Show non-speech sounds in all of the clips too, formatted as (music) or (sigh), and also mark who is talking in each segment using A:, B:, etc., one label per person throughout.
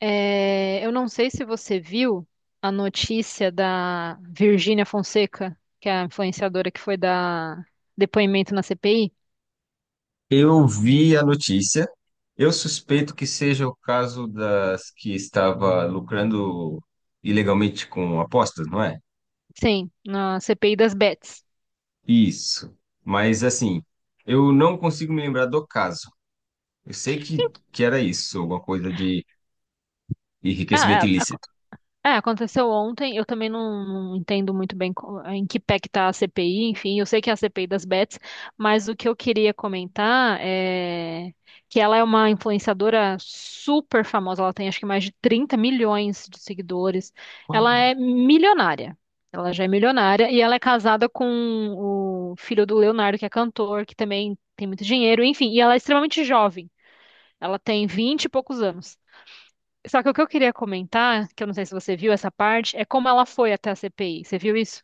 A: É, eu não sei se você viu a notícia da Virgínia Fonseca, que é a influenciadora que foi dar depoimento na CPI.
B: Eu vi a notícia. Eu suspeito que seja o caso das que estava lucrando ilegalmente com apostas, não é?
A: Sim, na CPI das Bets.
B: Isso. Mas assim, eu não consigo me lembrar do caso. Eu sei que era isso, alguma coisa de enriquecimento
A: Ah,
B: ilícito.
A: É, aconteceu ontem. Eu também não entendo muito bem em que pé que tá a CPI, enfim, eu sei que é a CPI das bets, mas o que eu queria comentar é que ela é uma influenciadora super famosa, ela tem acho que mais de 30 milhões de seguidores. Ela
B: Uau.
A: é milionária. Ela já é milionária e ela é casada com o filho do Leonardo, que é cantor, que também tem muito dinheiro, enfim, e ela é extremamente jovem. Ela tem 20 e poucos anos. Só que o que eu queria comentar, que eu não sei se você viu essa parte, é como ela foi até a CPI. Você viu isso?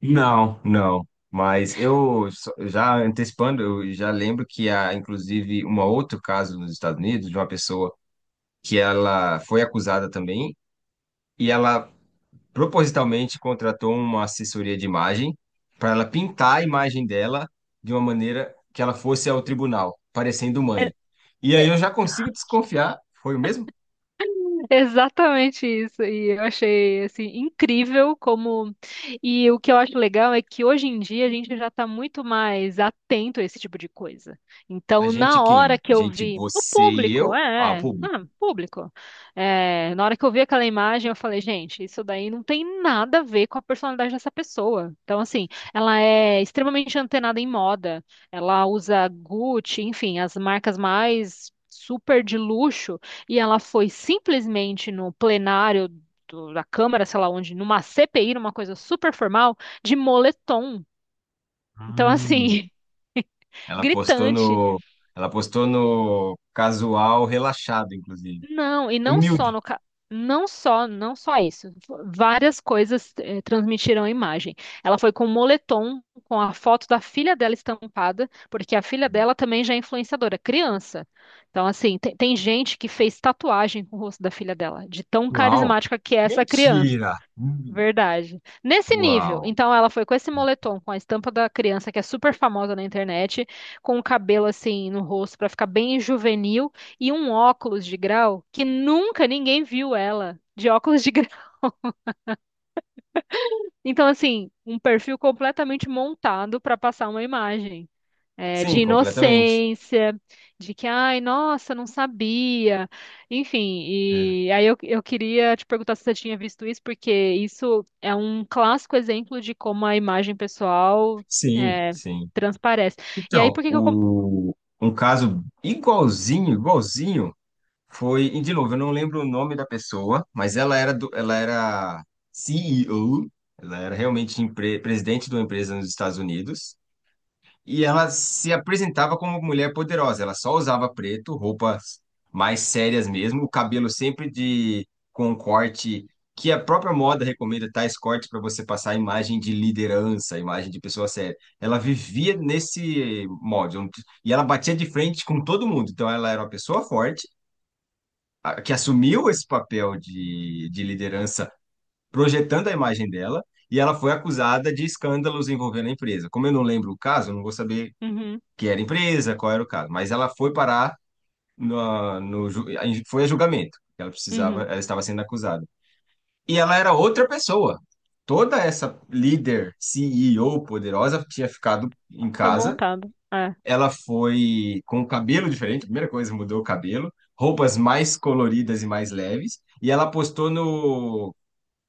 B: Não, não. Mas eu já antecipando, eu já lembro que há, inclusive, um outro caso nos Estados Unidos de uma pessoa que ela foi acusada também e ela propositalmente contratou uma assessoria de imagem para ela pintar a imagem dela de uma maneira que ela fosse ao tribunal, parecendo mãe. E aí eu já consigo desconfiar, foi o mesmo?
A: (laughs) Exatamente isso. E eu achei assim incrível como e o que eu acho legal é que hoje em dia a gente já está muito mais atento a esse tipo de coisa.
B: A
A: Então,
B: gente
A: na hora
B: quem?
A: que
B: A
A: eu
B: gente,
A: vi o
B: você e
A: público,
B: eu, ao público.
A: público. É, na hora que eu vi aquela imagem, eu falei, gente, isso daí não tem nada a ver com a personalidade dessa pessoa. Então, assim, ela é extremamente antenada em moda. Ela usa Gucci, enfim, as marcas mais super de luxo e ela foi simplesmente no plenário da Câmara, sei lá onde, numa CPI, numa coisa super formal, de moletom.
B: Ah.
A: Então, assim, (laughs)
B: Ela postou
A: gritante.
B: no, ela postou no casual relaxado, inclusive.
A: Não, e não só
B: Humilde.
A: no não só isso. Várias coisas transmitiram a imagem. Ela foi com moletom, com a foto da filha dela estampada, porque a filha dela também já é influenciadora, criança. Então, assim, tem gente que fez tatuagem com o rosto da filha dela, de tão
B: Uau.
A: carismática que é essa criança.
B: Mentira. Hum.
A: Verdade. Nesse nível,
B: Uau.
A: então ela foi com esse moletom, com a estampa da criança que é super famosa na internet, com o cabelo assim no rosto pra ficar bem juvenil e um óculos de grau que nunca ninguém viu ela de óculos de grau. (laughs) Então assim, um perfil completamente montado pra passar uma imagem de
B: Sim, completamente.
A: inocência, de que, ai, nossa, não sabia. Enfim,
B: É.
A: e aí eu queria te perguntar se você tinha visto isso, porque isso é um clássico exemplo de como a imagem pessoal
B: Sim,
A: é,
B: sim.
A: transparece. E aí, por
B: Então,
A: que que
B: um caso igualzinho, igualzinho, foi, e de novo, eu não lembro o nome da pessoa, mas ela era CEO, ela era realmente presidente de uma empresa nos Estados Unidos. E ela se apresentava como mulher poderosa. Ela só usava preto, roupas mais sérias mesmo, o cabelo sempre de com um corte que a própria moda recomenda tais cortes para você passar a imagem de liderança, a imagem de pessoa séria. Ela vivia nesse molde. E ela batia de frente com todo mundo. Então ela era uma pessoa forte que assumiu esse papel de liderança, projetando a imagem dela. E ela foi acusada de escândalos envolvendo a empresa. Como eu não lembro o caso, eu não vou saber
A: Uhum,
B: que era empresa, qual era o caso. Mas ela foi parar no foi a julgamento. Ela precisava,
A: uhum,
B: ela estava sendo acusada. E ela era outra pessoa. Toda essa líder, CEO poderosa tinha ficado em
A: foi
B: casa.
A: montado. É.
B: Ela foi com o cabelo diferente, primeira coisa, mudou o cabelo, roupas mais coloridas e mais leves, e ela postou no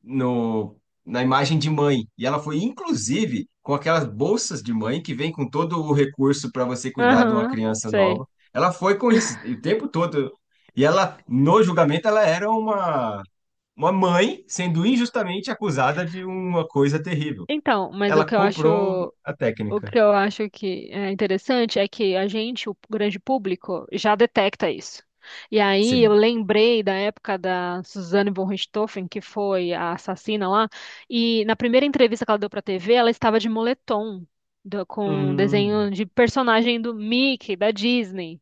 B: no, na imagem de mãe. E ela foi, inclusive, com aquelas bolsas de mãe que vem com todo o recurso para você cuidar de uma
A: Aham,
B: criança
A: sei.
B: nova. Ela foi com isso o tempo todo. E ela, no julgamento, ela era uma mãe sendo injustamente acusada de uma coisa terrível.
A: Então, mas o
B: Ela
A: que eu
B: comprou
A: acho.
B: a
A: O
B: técnica.
A: que eu acho que é interessante é que a gente, o grande público, já detecta isso. E aí eu
B: Sim.
A: lembrei da época da Suzane von Richthofen, que foi a assassina lá, e na primeira entrevista que ela deu para a TV, ela estava de moletom, com um desenho de personagem do Mickey, da Disney.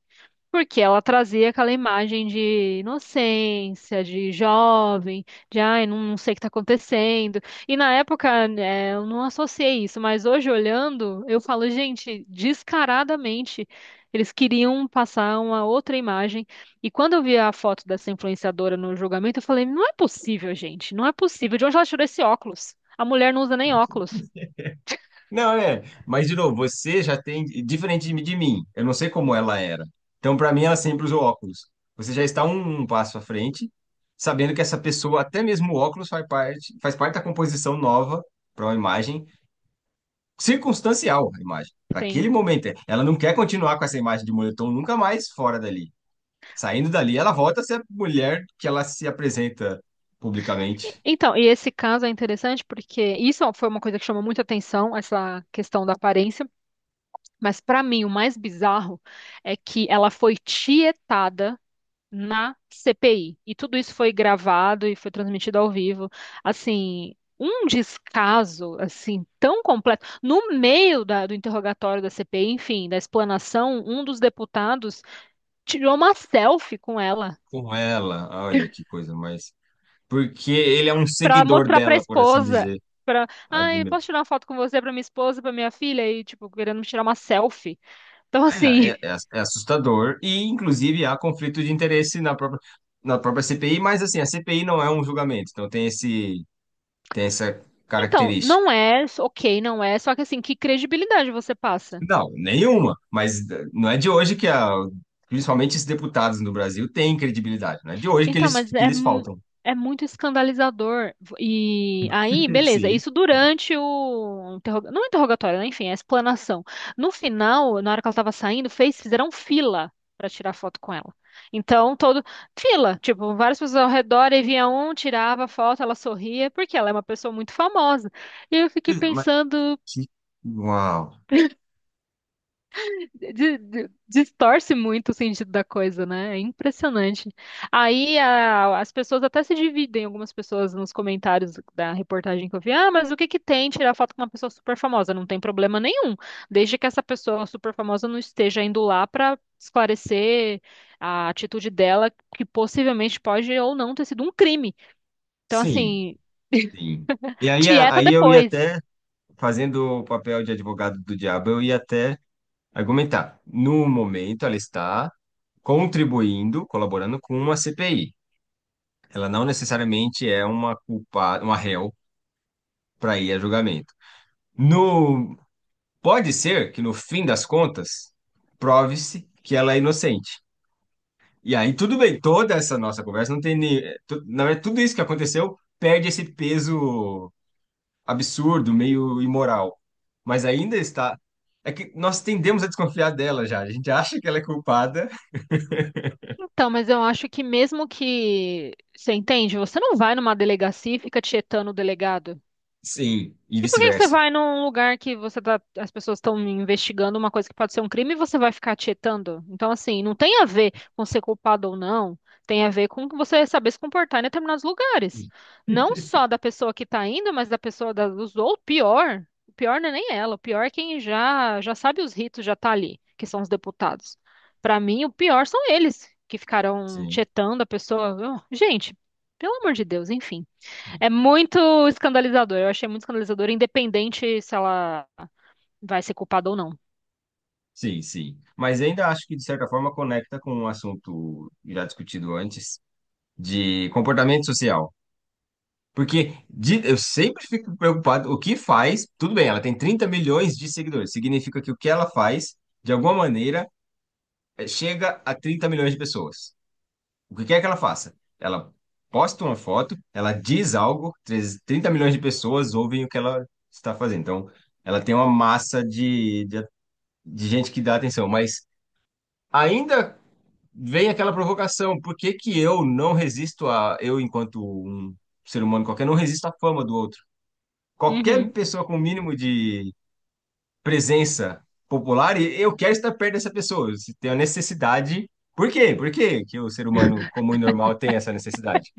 A: Porque ela trazia aquela imagem de inocência, de jovem, de ai, não, não sei o que tá acontecendo. E na época, né, eu não associei isso, mas hoje olhando, eu falo, gente, descaradamente, eles queriam passar uma outra imagem. E quando eu vi a foto dessa influenciadora no julgamento, eu falei, não é possível, gente, não é possível. De onde ela tirou esse óculos? A mulher não usa nem óculos.
B: Não, é. Mas, de novo, você já tem. Diferente de mim, eu não sei como ela era. Então, para mim, ela sempre usou óculos. Você já está um passo à frente, sabendo que essa pessoa, até mesmo o óculos, faz parte da composição nova para uma imagem, circunstancial a imagem. Para
A: Sim.
B: aquele momento, é. Ela não quer continuar com essa imagem de moletom nunca mais fora dali. Saindo dali, ela volta a ser a mulher que ela se apresenta publicamente
A: Então, e esse caso é interessante porque isso foi uma coisa que chamou muita atenção, essa questão da aparência, mas para mim o mais bizarro é que ela foi tietada na CPI e tudo isso foi gravado e foi transmitido ao vivo. Assim, um descaso assim tão completo. No meio do interrogatório da CPI, enfim, da explanação, um dos deputados tirou uma selfie com ela.
B: com ela. Olha que coisa mais. Porque ele é um
A: Pra
B: seguidor
A: mostrar pra
B: dela, por assim
A: esposa.
B: dizer.
A: Pra, ai,
B: Admira-
A: posso tirar uma foto com você pra minha esposa, pra minha filha? E, tipo, querendo me tirar uma selfie. Então,
B: É,
A: assim.
B: é,
A: (laughs)
B: é é assustador e, inclusive, há conflito de interesse na própria CPI, mas, assim, a CPI não é um julgamento, então tem esse, tem essa
A: Então,
B: característica.
A: não é, ok, não é, só que assim, que credibilidade você passa?
B: Não, nenhuma, mas não é de hoje que, principalmente, esses deputados no Brasil têm credibilidade, não é de hoje
A: Então, mas
B: que
A: é,
B: eles faltam.
A: é muito escandalizador. E aí,
B: (laughs)
A: beleza,
B: Sim,
A: isso durante o não interrogatório, né? Enfim, a explanação. No final, na hora que ela estava saindo, fizeram fila para tirar foto com ela. Então, todo fila, tipo, várias pessoas ao redor, e vinha um, tirava foto, ela sorria, porque ela é uma pessoa muito famosa. E eu fiquei
B: mas
A: pensando,
B: que- Uau,
A: distorce muito o sentido da coisa, né? É impressionante. Aí as pessoas até se dividem, algumas pessoas nos comentários da reportagem que eu vi, ah, mas o que que tem tirar foto com uma pessoa super famosa? Não tem problema nenhum, desde que essa pessoa super famosa não esteja indo lá para esclarecer a atitude dela, que possivelmente pode ou não ter sido um crime. Então,
B: sim,
A: assim,
B: sim. E aí,
A: tieta
B: aí eu ia
A: depois.
B: até, fazendo o papel de advogado do diabo, eu ia até argumentar. No momento, ela está contribuindo, colaborando com uma CPI. Ela não necessariamente é uma culpada, uma réu para ir a julgamento. No, Pode ser que no fim das contas prove-se que ela é inocente. E aí tudo bem, toda essa nossa conversa não tem nem, na verdade tudo isso que aconteceu perde esse peso absurdo, meio imoral. Mas ainda está. É que nós tendemos a desconfiar dela já. A gente acha que ela é culpada,
A: Então, mas eu acho que mesmo que você entende, você não vai numa delegacia e fica tietando o delegado.
B: sim, e
A: E por que que você
B: vice-versa.
A: vai num lugar que você tá, as pessoas estão investigando uma coisa que pode ser um crime e você vai ficar tietando? Então, assim, não tem a ver com ser culpado ou não, tem a ver com você saber se comportar em determinados lugares. Não só da pessoa que tá indo, mas da pessoa da, dos, ou pior, o pior não é nem ela, o pior é quem já sabe os ritos, já tá ali, que são os deputados. Para mim, o pior são eles que ficaram
B: Sim.
A: tietando a pessoa. Oh, gente, pelo amor de Deus, enfim. É muito escandalizador. Eu achei muito escandalizador, independente se ela vai ser culpada ou não.
B: Sim, sim. Mas ainda acho que, de certa forma, conecta com um assunto já discutido antes, de comportamento social. Porque eu sempre fico preocupado, o que faz, tudo bem, ela tem 30 milhões de seguidores, significa que o que ela faz, de alguma maneira, chega a 30 milhões de pessoas. O que quer que ela faça? Ela posta uma foto, ela diz algo, 30 milhões de pessoas ouvem o que ela está fazendo. Então, ela tem uma massa de gente que dá atenção, mas ainda vem aquela provocação, por que que eu não resisto eu enquanto um ser humano qualquer, não resisto à fama do outro?
A: Uhum.
B: Qualquer pessoa com o mínimo de presença popular, eu quero estar perto dessa pessoa, se tem a necessidade. Por quê? Por quê que o ser humano comum e normal tem essa necessidade?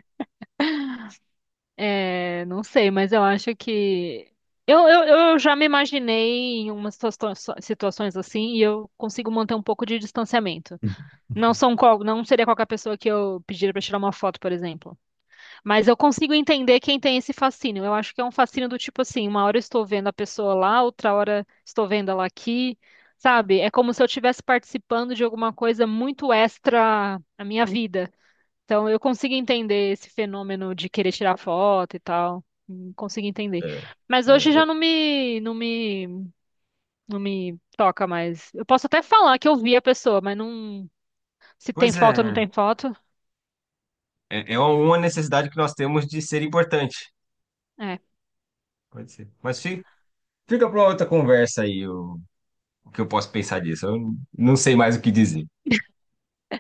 A: É, não sei, mas eu acho que. Eu, eu, eu já me imaginei em umas situações assim e eu consigo manter um pouco de distanciamento. Não seria qualquer pessoa que eu pediria pra tirar uma foto, por exemplo. Mas eu consigo entender quem tem esse fascínio. Eu acho que é um fascínio do tipo assim, uma hora eu estou vendo a pessoa lá, outra hora estou vendo ela aqui, sabe? É como se eu estivesse participando de alguma coisa muito extra na minha vida. Então eu consigo entender esse fenômeno de querer tirar foto e tal. Consigo entender.
B: É,
A: Mas hoje
B: é,
A: já
B: eu-
A: não me toca mais. Eu posso até falar que eu vi a pessoa, mas não, se tem
B: pois
A: foto ou não
B: é,
A: tem foto.
B: é, é uma necessidade que nós temos de ser importante.
A: É.
B: Pode ser. Mas fica para outra conversa aí o que eu posso pensar disso. Eu não sei mais o que dizer.